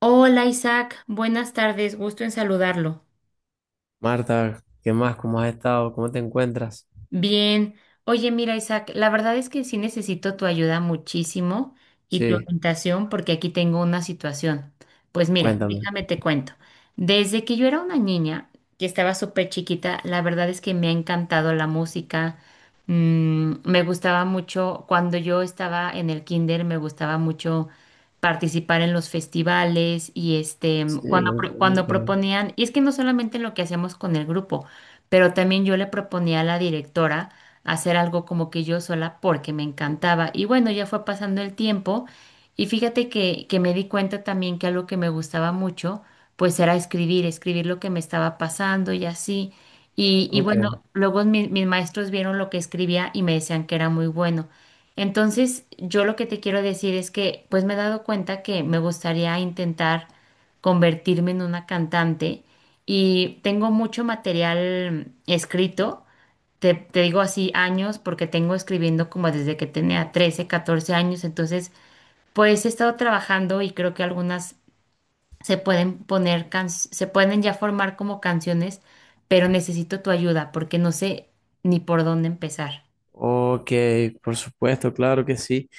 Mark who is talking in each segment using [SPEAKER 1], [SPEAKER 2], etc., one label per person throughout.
[SPEAKER 1] Hola Isaac, buenas tardes, gusto en saludarlo.
[SPEAKER 2] Marta, ¿qué más? ¿Cómo has estado? ¿Cómo te encuentras?
[SPEAKER 1] Bien. Oye, mira, Isaac, la verdad es que sí necesito tu ayuda muchísimo y tu
[SPEAKER 2] Sí,
[SPEAKER 1] orientación porque aquí tengo una situación. Pues mira,
[SPEAKER 2] cuéntame.
[SPEAKER 1] déjame te cuento. Desde que yo era una niña, que estaba súper chiquita, la verdad es que me ha encantado la música. Mm, me gustaba mucho, cuando yo estaba en el kinder, me gustaba mucho participar en los festivales y este,
[SPEAKER 2] Sí,
[SPEAKER 1] cuando,
[SPEAKER 2] lo-
[SPEAKER 1] cuando proponían, y es que no solamente en lo que hacíamos con el grupo, pero también yo le proponía a la directora hacer algo como que yo sola porque me encantaba. Y bueno, ya fue pasando el tiempo y fíjate que me di cuenta también que algo que me gustaba mucho, pues era escribir, escribir lo que me estaba pasando y así. Y
[SPEAKER 2] ok.
[SPEAKER 1] bueno, luego mis maestros vieron lo que escribía y me decían que era muy bueno. Entonces, yo lo que te quiero decir es que pues me he dado cuenta que me gustaría intentar convertirme en una cantante y tengo mucho material escrito. Te digo así años porque tengo escribiendo como desde que tenía 13 14 años. Entonces, pues he estado trabajando y creo que algunas se pueden poner, se pueden ya formar como canciones, pero necesito tu ayuda porque no sé ni por dónde empezar.
[SPEAKER 2] Ok, por supuesto, claro que sí.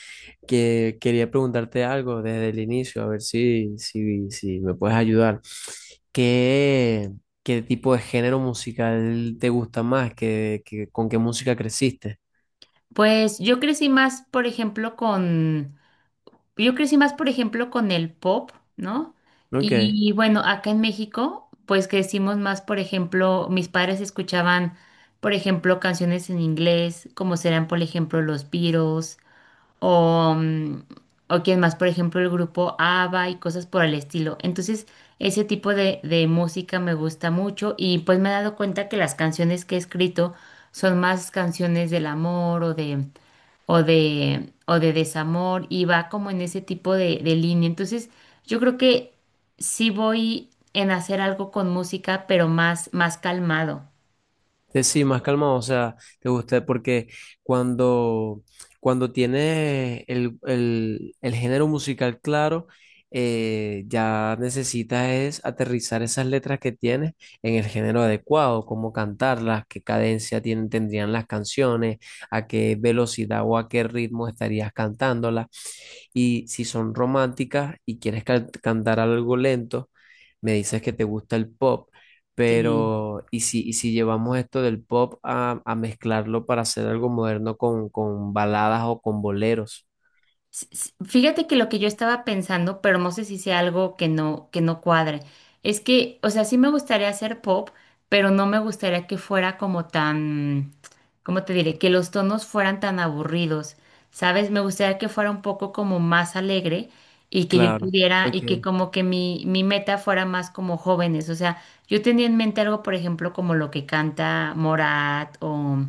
[SPEAKER 2] Que quería preguntarte algo desde el inicio, a ver si me puedes ayudar. ¿Qué, qué tipo de género musical te gusta más? ¿ Con qué música creciste?
[SPEAKER 1] Pues yo crecí más, por ejemplo, con yo crecí más, por ejemplo, con el pop, ¿no?
[SPEAKER 2] Ok.
[SPEAKER 1] Y bueno, acá en México, pues crecimos más, por ejemplo, mis padres escuchaban, por ejemplo, canciones en inglés, como serán, por ejemplo, los Beatles, o, o quién más, por ejemplo, el grupo ABBA y cosas por el estilo. Entonces, ese tipo de música me gusta mucho y pues me he dado cuenta que las canciones que he escrito son más canciones del amor o de o de, o de desamor y va como en ese tipo de línea. Entonces, yo creo que sí voy en hacer algo con música, pero más, más calmado.
[SPEAKER 2] Sí, más calmado, o sea, te gusta, porque cuando, cuando tienes el género musical claro, ya necesitas es aterrizar esas letras que tienes en el género adecuado, cómo cantarlas, qué cadencia tienen, tendrían las canciones, a qué velocidad o a qué ritmo estarías cantándolas. Y si son románticas y quieres cantar algo lento, me dices que te gusta el pop.
[SPEAKER 1] Sí.
[SPEAKER 2] Pero, y si llevamos esto del pop a mezclarlo para hacer algo moderno con baladas o con boleros?
[SPEAKER 1] Fíjate que lo que yo estaba pensando, pero no sé si sea algo que no cuadre, es que, o sea, sí me gustaría hacer pop, pero no me gustaría que fuera como tan, ¿cómo te diré? Que los tonos fueran tan aburridos, ¿sabes? Me gustaría que fuera un poco como más alegre y que yo
[SPEAKER 2] Claro.
[SPEAKER 1] pudiera, y que
[SPEAKER 2] Ok.
[SPEAKER 1] como que mi meta fuera más como jóvenes, o sea, yo tenía en mente algo, por ejemplo, como lo que canta Morat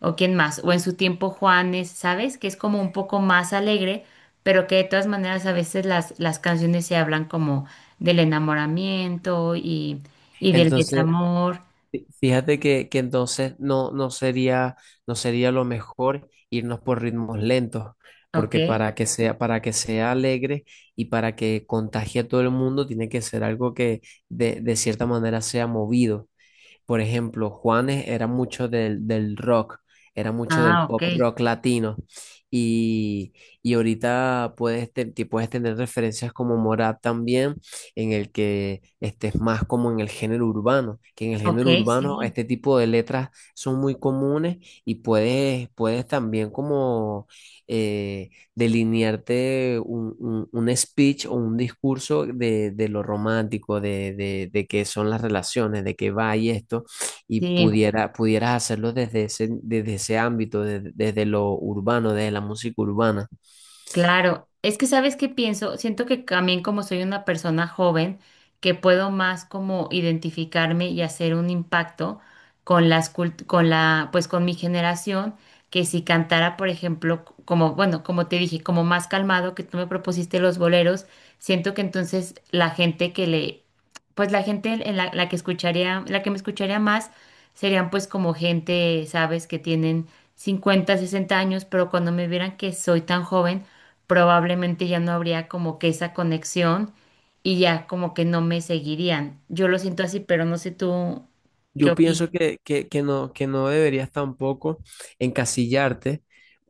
[SPEAKER 1] o quién más, o en su tiempo Juanes, ¿sabes? Que es como un poco más alegre, pero que de todas maneras a veces las canciones se hablan como del enamoramiento y del
[SPEAKER 2] Entonces,
[SPEAKER 1] desamor,
[SPEAKER 2] fíjate que entonces no sería lo mejor irnos por ritmos lentos,
[SPEAKER 1] ¿ok?
[SPEAKER 2] porque para que sea alegre y para que contagie a todo el mundo, tiene que ser algo que de cierta manera sea movido. Por ejemplo, Juanes era mucho del, del rock, era mucho del
[SPEAKER 1] Ah, ok,
[SPEAKER 2] pop rock latino. Y, y ahorita puedes, te puedes tener referencias como Morat también, en el que estés más como en el género urbano, que en el
[SPEAKER 1] ok,
[SPEAKER 2] género urbano
[SPEAKER 1] sí,
[SPEAKER 2] este tipo de letras son muy comunes y puedes, puedes también como... eh, delinearte un, un speech o un discurso de lo romántico, de qué son las relaciones, de qué va y esto, y
[SPEAKER 1] sí.
[SPEAKER 2] pudiera, pudieras hacerlo desde ese ámbito, desde, desde lo urbano, desde la música urbana.
[SPEAKER 1] Claro, es que sabes qué pienso, siento que también como soy una persona joven, que puedo más como identificarme y hacer un impacto con las con la, pues con mi generación, que si cantara, por ejemplo, como, bueno, como te dije, como más calmado, que tú me propusiste los boleros, siento que entonces la gente que le, pues la gente en la, la que escucharía, la que me escucharía más, serían pues como gente, sabes, que tienen 50 60 años, pero cuando me vieran que soy tan joven, probablemente ya no habría como que esa conexión y ya como que no me seguirían. Yo lo siento así, pero no sé tú qué
[SPEAKER 2] Yo
[SPEAKER 1] opinas.
[SPEAKER 2] pienso que no deberías tampoco encasillarte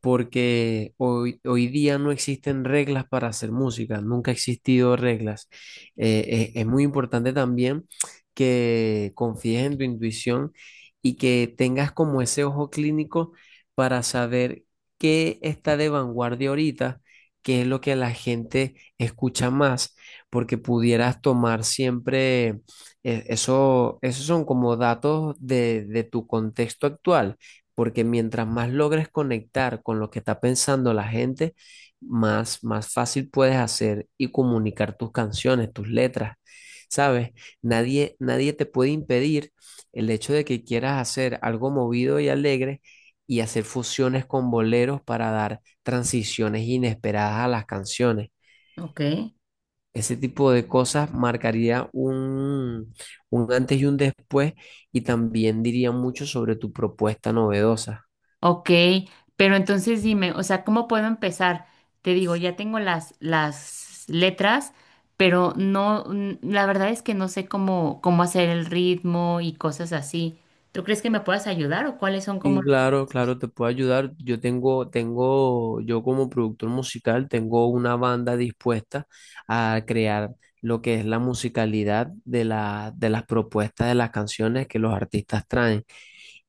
[SPEAKER 2] porque hoy, hoy día no existen reglas para hacer música, nunca ha existido reglas. Es muy importante también que confíes en tu intuición y que tengas como ese ojo clínico para saber qué está de vanguardia ahorita, qué es lo que la gente escucha más, porque pudieras tomar siempre esos son como datos de tu contexto actual, porque mientras más logres conectar con lo que está pensando la gente, más, más fácil puedes hacer y comunicar tus canciones, tus letras. ¿Sabes? Nadie, nadie te puede impedir el hecho de que quieras hacer algo movido y alegre y hacer fusiones con boleros para dar transiciones inesperadas a las canciones.
[SPEAKER 1] Ok.
[SPEAKER 2] Ese tipo de cosas marcaría un antes y un después y también diría mucho sobre tu propuesta novedosa.
[SPEAKER 1] Ok, pero entonces dime, o sea, ¿cómo puedo empezar? Te digo, ya tengo las letras, pero no, la verdad es que no sé cómo, cómo hacer el ritmo y cosas así. ¿Tú crees que me puedas ayudar o cuáles son como
[SPEAKER 2] Y
[SPEAKER 1] los...
[SPEAKER 2] claro, claro, te puedo ayudar. Yo yo como productor musical, tengo una banda dispuesta a crear lo que es la musicalidad de la, de las propuestas de las canciones que los artistas traen.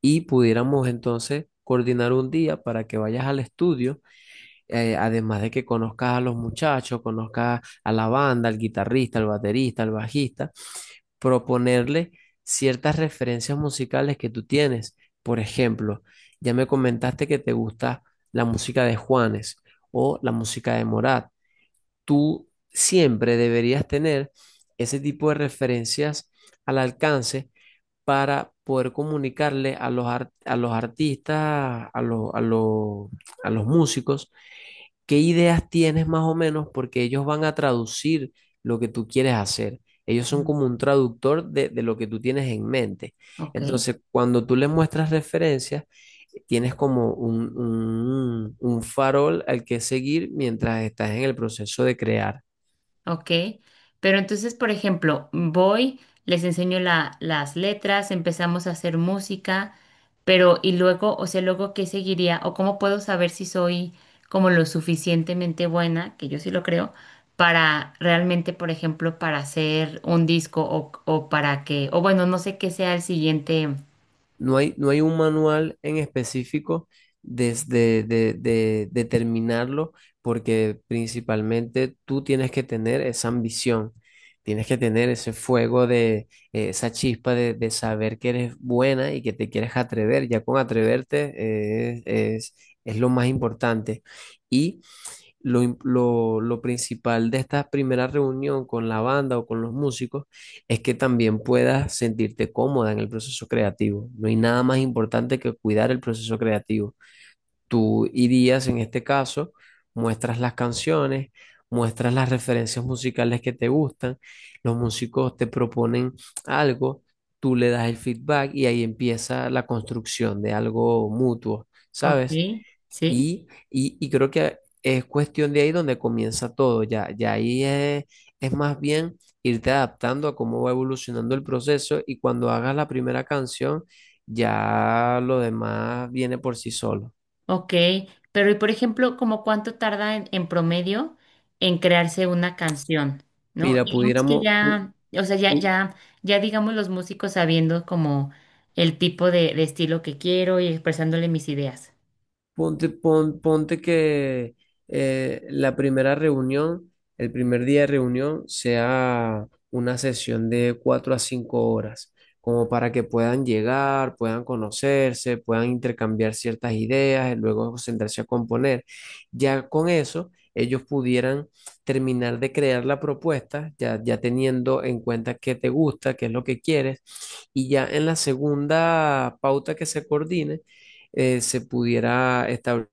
[SPEAKER 2] Y pudiéramos entonces coordinar un día para que vayas al estudio, además de que conozcas a los muchachos, conozcas a la banda, al guitarrista, al baterista, al bajista, proponerle ciertas referencias musicales que tú tienes. Por ejemplo, ya me comentaste que te gusta la música de Juanes o la música de Morat. Tú siempre deberías tener ese tipo de referencias al alcance para poder comunicarle a a los artistas, a los músicos, ¿qué ideas tienes más o menos? Porque ellos van a traducir lo que tú quieres hacer. Ellos son
[SPEAKER 1] Mm,
[SPEAKER 2] como un traductor de lo que tú tienes en mente.
[SPEAKER 1] ok.
[SPEAKER 2] Entonces, cuando tú les muestras referencias, tienes como un, un farol al que seguir mientras estás en el proceso de crear.
[SPEAKER 1] Ok, pero entonces, por ejemplo, voy, les enseño las letras, empezamos a hacer música, pero y luego, o sea, luego, ¿qué seguiría? ¿O cómo puedo saber si soy como lo suficientemente buena, que yo sí lo creo, para realmente, por ejemplo, para hacer un disco o para que, o bueno, no sé qué sea el siguiente.
[SPEAKER 2] No hay un manual en específico desde determinarlo, porque principalmente tú tienes que tener esa ambición, tienes que tener ese fuego de esa chispa de saber que eres buena y que te quieres atrever. Ya con atreverte, es, es lo más importante. Y lo principal de esta primera reunión con la banda o con los músicos es que también puedas sentirte cómoda en el proceso creativo. No hay nada más importante que cuidar el proceso creativo. Tú irías, en este caso, muestras las canciones, muestras las referencias musicales que te gustan, los músicos te proponen algo, tú le das el feedback y ahí empieza la construcción de algo mutuo,
[SPEAKER 1] Ok,
[SPEAKER 2] ¿sabes?
[SPEAKER 1] sí.
[SPEAKER 2] Y creo que es cuestión de ahí donde comienza todo, ya, ya ahí es más bien irte adaptando a cómo va evolucionando el proceso y cuando hagas la primera canción, ya lo demás viene por sí solo.
[SPEAKER 1] Ok, pero y por ejemplo, ¿como cuánto tarda en promedio en crearse una canción? ¿No?
[SPEAKER 2] Mira,
[SPEAKER 1] Digamos que ya, o sea, ya,
[SPEAKER 2] pu-
[SPEAKER 1] ya, ya digamos los músicos sabiendo como el tipo de estilo que quiero y expresándole mis ideas.
[SPEAKER 2] Ponte que la primera reunión, el primer día de reunión, sea una sesión de cuatro a cinco horas, como para que puedan llegar, puedan conocerse, puedan intercambiar ciertas ideas, y luego sentarse a componer. Ya con eso, ellos pudieran terminar de crear la propuesta, ya, ya teniendo en cuenta qué te gusta, qué es lo que quieres, y ya en la segunda pauta que se coordine, se pudiera establecer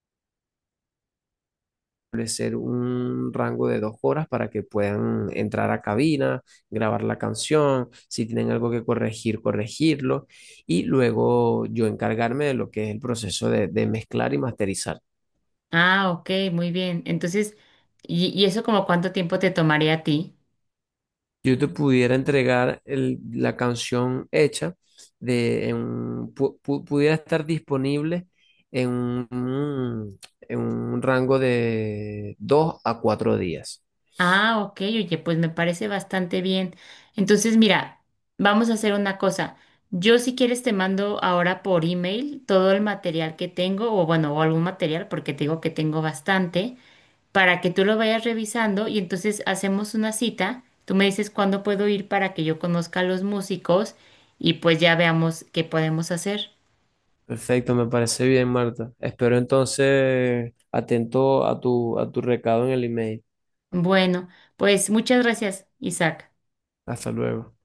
[SPEAKER 2] un rango de dos horas para que puedan entrar a cabina, grabar la canción, si tienen algo que corregir, corregirlo, y luego yo encargarme de lo que es el proceso de mezclar y masterizar.
[SPEAKER 1] Ah, ok, muy bien. Entonces, y eso como cuánto tiempo te tomaría a ti?
[SPEAKER 2] Yo te pudiera entregar la canción hecha, de, en un- pu- pu- pudiera estar disponible en un rango de dos a cuatro días.
[SPEAKER 1] Ah, ok, oye, pues me parece bastante bien. Entonces, mira, vamos a hacer una cosa. Yo, si quieres, te mando ahora por email todo el material que tengo, o bueno, o algún material, porque te digo que tengo bastante, para que tú lo vayas revisando y entonces hacemos una cita. Tú me dices cuándo puedo ir para que yo conozca a los músicos y pues ya veamos qué podemos hacer.
[SPEAKER 2] Perfecto, me parece bien, Marta. Espero entonces atento a tu recado en el email.
[SPEAKER 1] Bueno, pues muchas gracias, Isaac.
[SPEAKER 2] Hasta luego.